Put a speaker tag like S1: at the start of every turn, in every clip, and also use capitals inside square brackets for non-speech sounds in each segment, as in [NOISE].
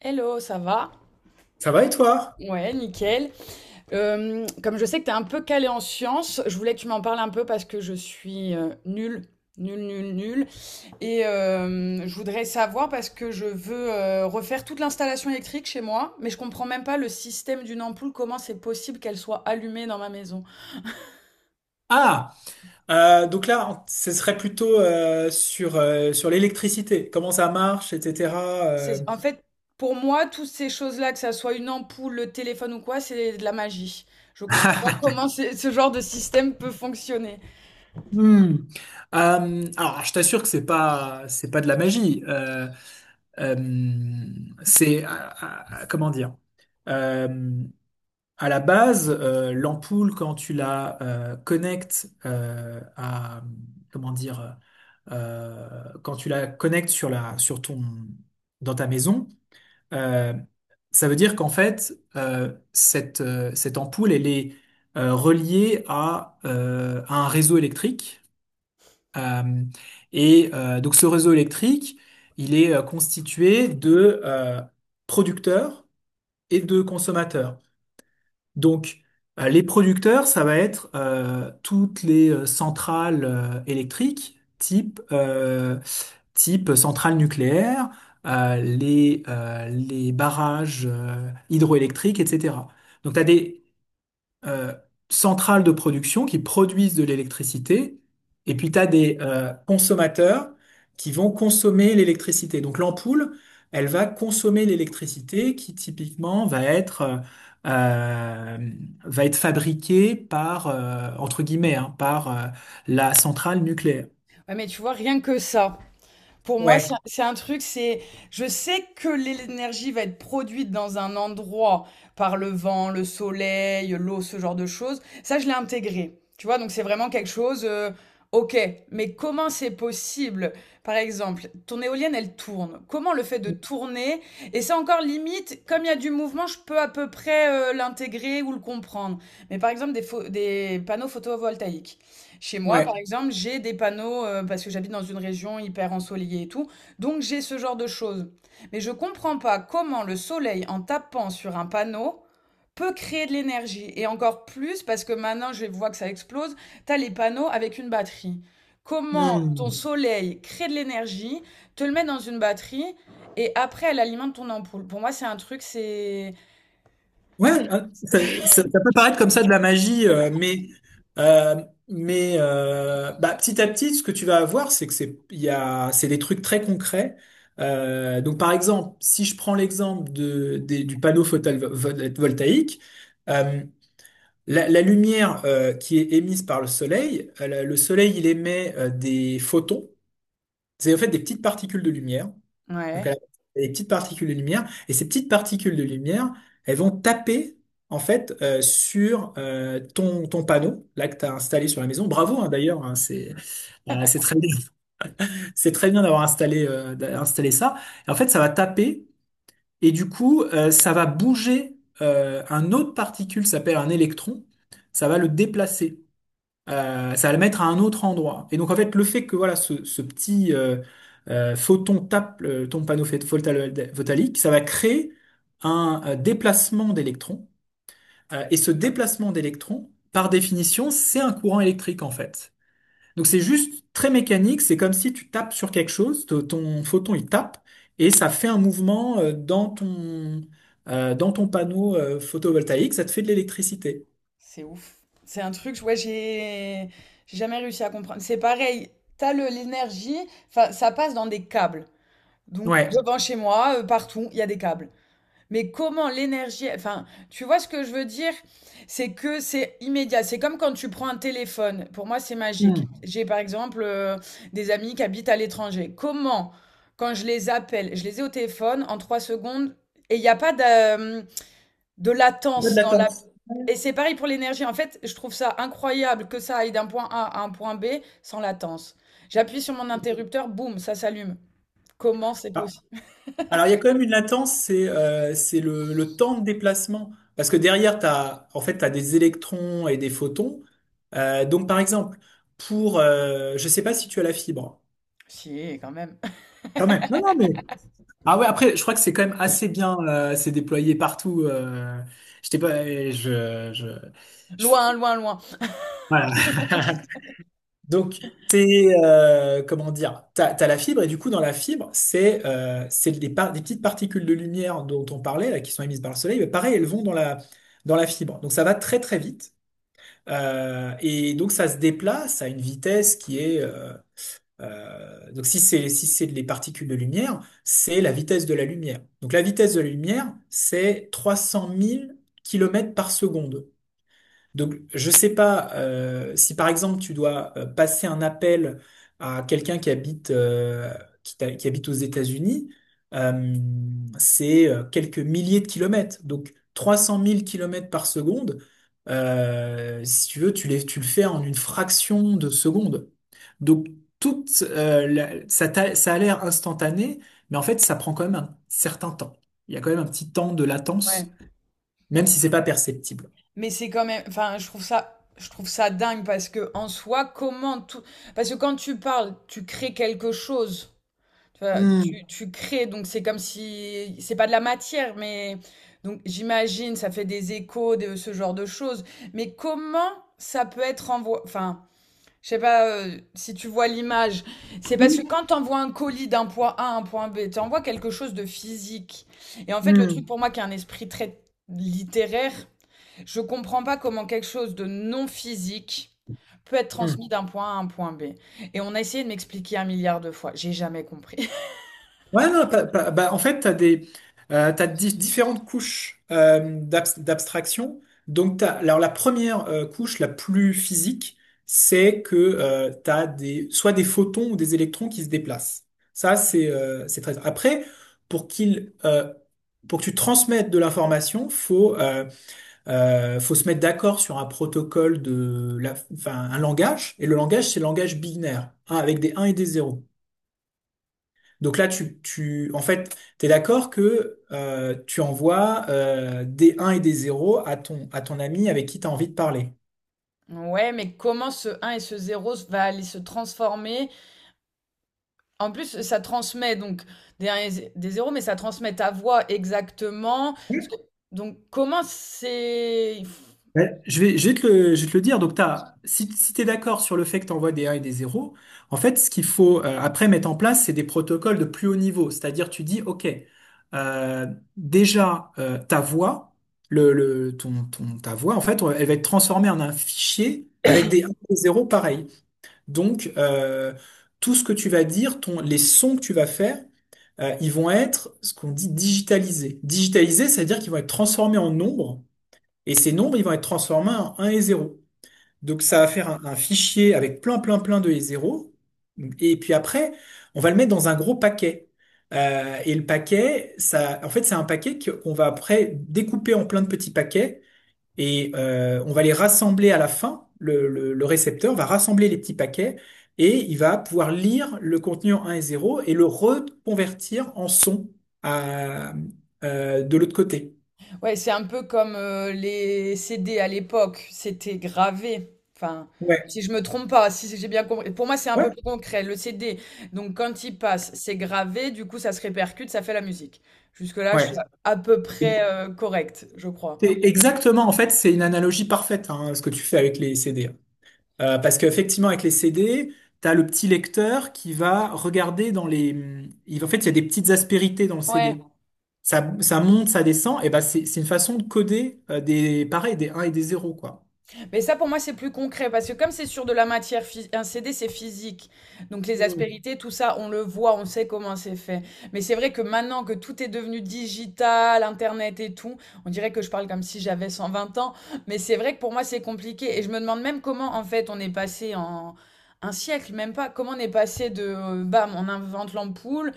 S1: Hello, ça va?
S2: Ça va et toi?
S1: Ouais, nickel. Comme je sais que tu es un peu calé en sciences, je voulais que tu m'en parles un peu parce que je suis nulle, nulle, nulle, nulle. Et je voudrais savoir parce que je veux refaire toute l'installation électrique chez moi, mais je comprends même pas le système d'une ampoule, comment c'est possible qu'elle soit allumée dans ma maison.
S2: Ah, donc là, ce serait plutôt sur l'électricité, comment ça marche, etc.
S1: C'est,
S2: euh.
S1: en fait, pour moi, toutes ces choses-là, que ça soit une ampoule, le téléphone ou quoi, c'est de la magie. Je comprends pas comment ce genre de système peut fonctionner.
S2: Hmm. Alors, je t'assure que c'est pas de la magie. Euh, c'est, euh, Comment dire? Euh, à la base, l'ampoule, quand tu la connectes à, comment dire, quand tu la connectes sur la, sur ton, dans ta maison. Euh, Ça veut dire qu'en fait, cette ampoule, elle est reliée à un réseau électrique. Euh, donc ce réseau électrique, il est constitué de producteurs et de consommateurs. Donc, les producteurs, ça va être toutes les centrales électriques, type centrale nucléaire, les barrages hydroélectriques, etc. Donc, tu as des euh, centrales de production qui produisent de l'électricité, et puis tu as des consommateurs qui vont consommer l'électricité. Donc l'ampoule, elle va consommer l'électricité qui typiquement euh, va être fabriquée entre guillemets, hein, par la centrale nucléaire.
S1: Ouais, mais tu vois, rien que ça. Pour moi,
S2: Ouais,
S1: c'est un truc, c'est je sais que l'énergie va être produite dans un endroit par le vent, le soleil, l'eau, ce genre de choses. Ça, je l'ai intégré. Tu vois, donc c'est vraiment quelque chose, OK, mais comment c'est possible? Par exemple, ton éolienne, elle tourne. Comment le fait de tourner? Et ça encore limite, comme il y a du mouvement, je peux à peu près l'intégrer ou le comprendre. Mais par exemple, des panneaux photovoltaïques. Chez moi, par
S2: ouais.
S1: exemple, j'ai des panneaux parce que j'habite dans une région hyper ensoleillée et tout. Donc j'ai ce genre de choses. Mais je comprends pas comment le soleil, en tapant sur un panneau, peut créer de l'énergie. Et encore plus parce que maintenant, je vois que ça explose, t'as les panneaux avec une batterie. Comment ton
S2: Hmm.
S1: soleil crée de l'énergie, te le met dans une batterie et après elle alimente ton ampoule. Pour moi, c'est un truc,
S2: Ouais,
S1: c'est-
S2: ça peut paraître comme ça de la magie, euh, mais bah, petit à petit, ce que tu vas avoir, c'est que c'est il y a c'est des trucs très concrets. Donc par exemple, si je prends l'exemple du panneau photovoltaïque, euh, la lumière qui est émise par le soleil. Le soleil il émet des photons, c'est en fait des petites particules de lumière. Donc,
S1: Ouais.
S2: elle a des petites particules de lumière. Et ces petites particules de lumière, elles vont taper, en fait, sur ton panneau, là, que tu as installé sur la maison. Bravo, hein, d'ailleurs, hein, c'est très bien, [LAUGHS] c'est très bien d'avoir installé ça. Et en fait, ça va taper, et du coup, ça va bouger un autre particule, ça s'appelle un électron, ça va le déplacer, ça va le mettre à un autre endroit. Et donc en fait, le fait que voilà ce petit photon tape ton panneau photonique, ça va créer un déplacement d'électrons. Et ce déplacement d'électrons, par définition, c'est un courant électrique en fait. Donc c'est juste très mécanique. C'est comme si tu tapes sur quelque chose, ton photon il tape et ça fait un mouvement dans ton panneau photovoltaïque. Ça te fait de l'électricité.
S1: C'est ouf. C'est un truc, ouais, j'ai jamais réussi à comprendre. C'est pareil, t'as l'énergie, enfin, ça passe dans des câbles. Donc,
S2: Ouais.
S1: devant chez moi, partout, il y a des câbles. Mais comment l'énergie, enfin, tu vois ce que je veux dire? C'est que c'est immédiat. C'est comme quand tu prends un téléphone. Pour moi, c'est magique.
S2: Hmm.
S1: J'ai par exemple des amis qui habitent à l'étranger. Comment, quand je les appelle, je les ai au téléphone en 3 secondes et il n'y a pas de
S2: Pas
S1: latence dans la
S2: de
S1: et c'est pareil pour l'énergie. En fait, je trouve ça incroyable que ça aille d'un point A à un point B sans latence. J'appuie sur mon interrupteur, boum, ça s'allume. Comment c'est
S2: la
S1: possible?
S2: Alors, il y a quand même une latence, c'est le temps de déplacement. Parce que derrière, en fait, t'as des électrons et des photons. Donc, par exemple, je sais pas si tu as la fibre.
S1: Si, quand même.
S2: Quand même. Non, non, mais. Ah ouais, après, je crois que c'est quand même assez bien, c'est déployé partout. Je pas, je, je,
S1: [LAUGHS]
S2: je-
S1: Loin, loin, loin.
S2: Voilà. [LAUGHS] Comment dire, t'as la fibre, et du coup, dans la fibre, c'est des petites particules de lumière dont on parlait, là, qui sont émises par le soleil, mais pareil, elles vont dans dans la fibre. Donc, ça va très, très vite. Et donc, ça se déplace à une vitesse qui est, donc, si c'est si c'est des particules de lumière, c'est la vitesse de la lumière. Donc, la vitesse de la lumière, c'est 300 000 kilomètres par seconde. Donc, je sais pas si par exemple tu dois passer un appel à quelqu'un qui habite qui habite aux États-Unis. Euh, c'est Quelques milliers de kilomètres, donc 300 000 kilomètres par seconde. Si tu veux, tu le fais en une fraction de seconde. Donc, toute, la- ça, t'a- ça a l'air instantané, mais en fait, ça prend quand même un certain temps. Il y a quand même un petit temps de
S1: Ouais.
S2: latence, même si c'est pas perceptible.
S1: Mais c'est quand même, enfin, je trouve ça dingue parce que en soi, comment tout, parce que quand tu parles, tu crées quelque chose. Tu vois, tu,
S2: Hmm.
S1: tu crées, donc c'est comme si, c'est pas de la matière, mais donc j'imagine, ça fait des échos de ce genre de choses. Mais comment ça peut être envoyé, enfin, je sais pas si tu vois l'image, c'est parce que quand tu envoies un colis d'un point A à un point B, tu envoies quelque chose de physique. Et en fait, le truc
S2: Hmm,
S1: pour moi qui a un esprit très littéraire, je comprends pas comment quelque chose de non physique peut être
S2: hmm.
S1: transmis d'un point A à un point B. Et on a essayé de m'expliquer un milliard de fois, j'ai jamais compris.
S2: Ouais, non, bah, en fait, tu as des, t'as di- différentes couches d'abstraction. Donc, alors, la première couche, la plus physique, c'est que soit des photons ou des électrons qui se déplacent. Ça, c'est très... Après, pour qu'il, euh, pour que tu transmettes de l'information, faut se mettre d'accord sur un protocole, enfin, un langage. Et le langage, c'est le langage binaire, hein, avec des 1 et des 0. Donc là, en fait, t'es d'accord que tu envoies des 1 et des 0 à à ton ami avec qui tu as envie de parler.
S1: Ouais, mais comment ce 1 et ce 0 va aller se transformer? En plus, ça transmet donc des 1 et zé- des 0, mais ça transmet ta voix exactement. Parce
S2: Ouais.
S1: que... Donc, comment c'est...
S2: Ouais. Je vais te le dire. Donc, t'as, si, si tu es d'accord sur le fait que tu envoies des 1 et des 0, en fait, ce qu'il faut après mettre en place, c'est des protocoles de plus haut niveau. C'est-à-dire, tu dis, OK, euh, déjà, ta voix, ta voix, en fait, elle va être transformée en un fichier avec des 1 et des 0 pareil. Donc, tout ce que tu vas dire, les sons que tu vas faire, ils vont être ce qu'on dit digitalisés. Digitalisés, ça veut dire qu'ils vont être transformés en nombres, et ces nombres, ils vont être transformés en un et zéro. Donc ça va faire un fichier avec plein, plein, plein de et zéro. Et puis après, on va le mettre dans un gros paquet. Et le paquet, ça, en fait, c'est un paquet qu'on va après découper en plein de petits paquets et on va les rassembler à la fin. Le le récepteur va rassembler les petits paquets et il va pouvoir lire le contenu en 1 et 0 et le reconvertir en son, à, de l'autre côté.
S1: Ouais, c'est un peu comme les CD à l'époque. C'était gravé. Enfin,
S2: Ouais,
S1: si je me trompe pas, si j'ai bien compris. Pour moi, c'est un peu
S2: ouais,
S1: plus concret. Le CD, donc quand il passe, c'est gravé. Du coup, ça se répercute, ça fait la musique. Jusque-là, je suis
S2: ouais.
S1: à peu près correcte, je crois.
S2: C'est exactement, en fait, c'est une analogie parfaite, hein, ce que tu fais avec les CD. Parce qu'effectivement, avec les CD, tu as le petit lecteur qui va regarder dans les... En fait, il y a des petites aspérités dans le
S1: Ouais.
S2: CD. Ça, ça monte, ça descend, et ben c'est une façon de coder, pareil, des un et des zéro quoi.
S1: Mais ça, pour moi, c'est plus concret parce que comme c'est sur de la matière, un CD, c'est physique. Donc les
S2: Hmm.
S1: aspérités, tout ça, on le voit, on sait comment c'est fait. Mais c'est vrai que maintenant que tout est devenu digital, Internet et tout, on dirait que je parle comme si j'avais 120 ans. Mais c'est vrai que pour moi, c'est compliqué. Et je me demande même comment, en fait, on est passé en un siècle, même pas, comment on est passé de, bam, on invente l'ampoule,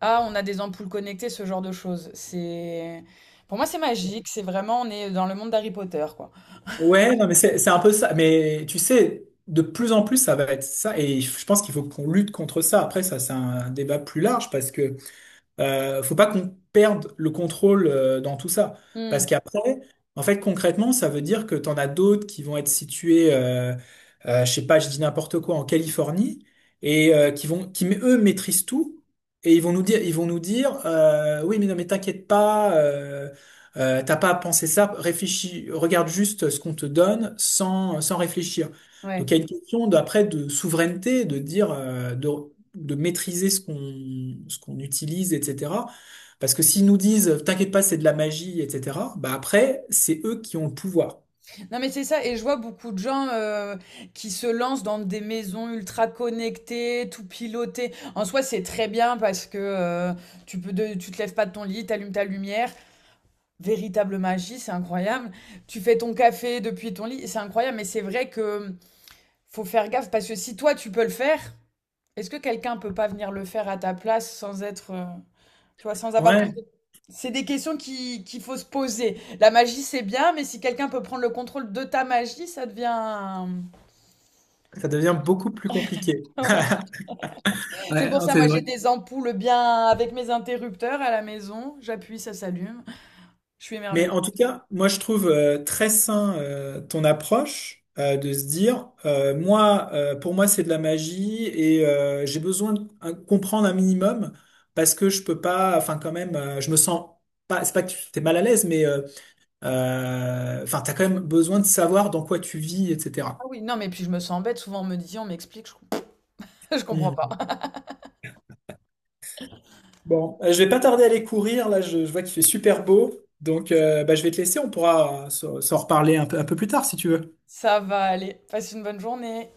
S1: à on a des ampoules connectées, ce genre de choses. C'est... Pour moi, c'est magique. C'est vraiment, on est dans le monde d'Harry Potter, quoi.
S2: Ouais, non, mais c'est un peu ça. Mais tu sais, de plus en plus, ça va être ça. Et je pense qu'il faut qu'on lutte contre ça. Après, ça, c'est un débat plus large, parce que faut pas qu'on perde le contrôle dans tout ça. Parce
S1: Hmm,
S2: qu'après, en fait, concrètement, ça veut dire que tu en as d'autres qui vont être situés, je sais pas, je dis n'importe quoi, en Californie, et qui eux maîtrisent tout, et ils vont nous dire, oui, mais non, mais t'inquiète pas, t'as pas à penser ça, réfléchis, regarde juste ce qu'on te donne sans réfléchir. Donc
S1: ouais.
S2: il y a une question d'après de souveraineté, de dire, de maîtriser ce qu'on utilise, etc. Parce que s'ils nous disent, t'inquiète pas, c'est de la magie, etc., bah après, c'est eux qui ont le pouvoir.
S1: Non mais c'est ça, et je vois beaucoup de gens qui se lancent dans des maisons ultra connectées, tout pilotées. En soi, c'est très bien parce que tu peux tu te lèves pas de ton lit, t'allumes ta lumière. Véritable magie, c'est incroyable. Tu fais ton café depuis ton lit, c'est incroyable. Mais c'est vrai que faut faire gaffe parce que si toi tu peux le faire, est-ce que quelqu'un peut pas venir le faire à ta place sans être... tu vois, sans avoir ton...
S2: Ouais,
S1: C'est des questions qui, qu'il faut se poser. La magie, c'est bien, mais si quelqu'un peut prendre le contrôle de ta magie, ça devient...
S2: ça devient beaucoup plus compliqué. [LAUGHS]
S1: [LAUGHS] C'est
S2: Ouais,
S1: pour
S2: non,
S1: ça, moi,
S2: c'est vrai.
S1: j'ai des ampoules bien avec mes interrupteurs à la maison. J'appuie, ça s'allume. Je suis
S2: Mais
S1: émerveillée.
S2: en tout cas, moi je trouve très sain, ton approche, de se dire, moi pour moi c'est de la magie, et j'ai besoin de comprendre un minimum, parce que je peux pas, enfin quand même, je me sens pas, c'est pas que tu es mal à l'aise, mais enfin, t'as quand même besoin de savoir dans quoi tu vis,
S1: Ah
S2: etc.
S1: oui, non, mais puis je me sens bête. Souvent, on me dit, on m'explique, je... [LAUGHS] je comprends pas.
S2: Hmm. Bon, je vais pas tarder à aller courir. Là, je vois qu'il fait super beau. Donc, bah, je vais te laisser. On pourra s'en reparler un peu plus tard, si tu veux.
S1: Ça va aller. Passe une bonne journée.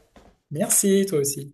S2: Merci, toi aussi.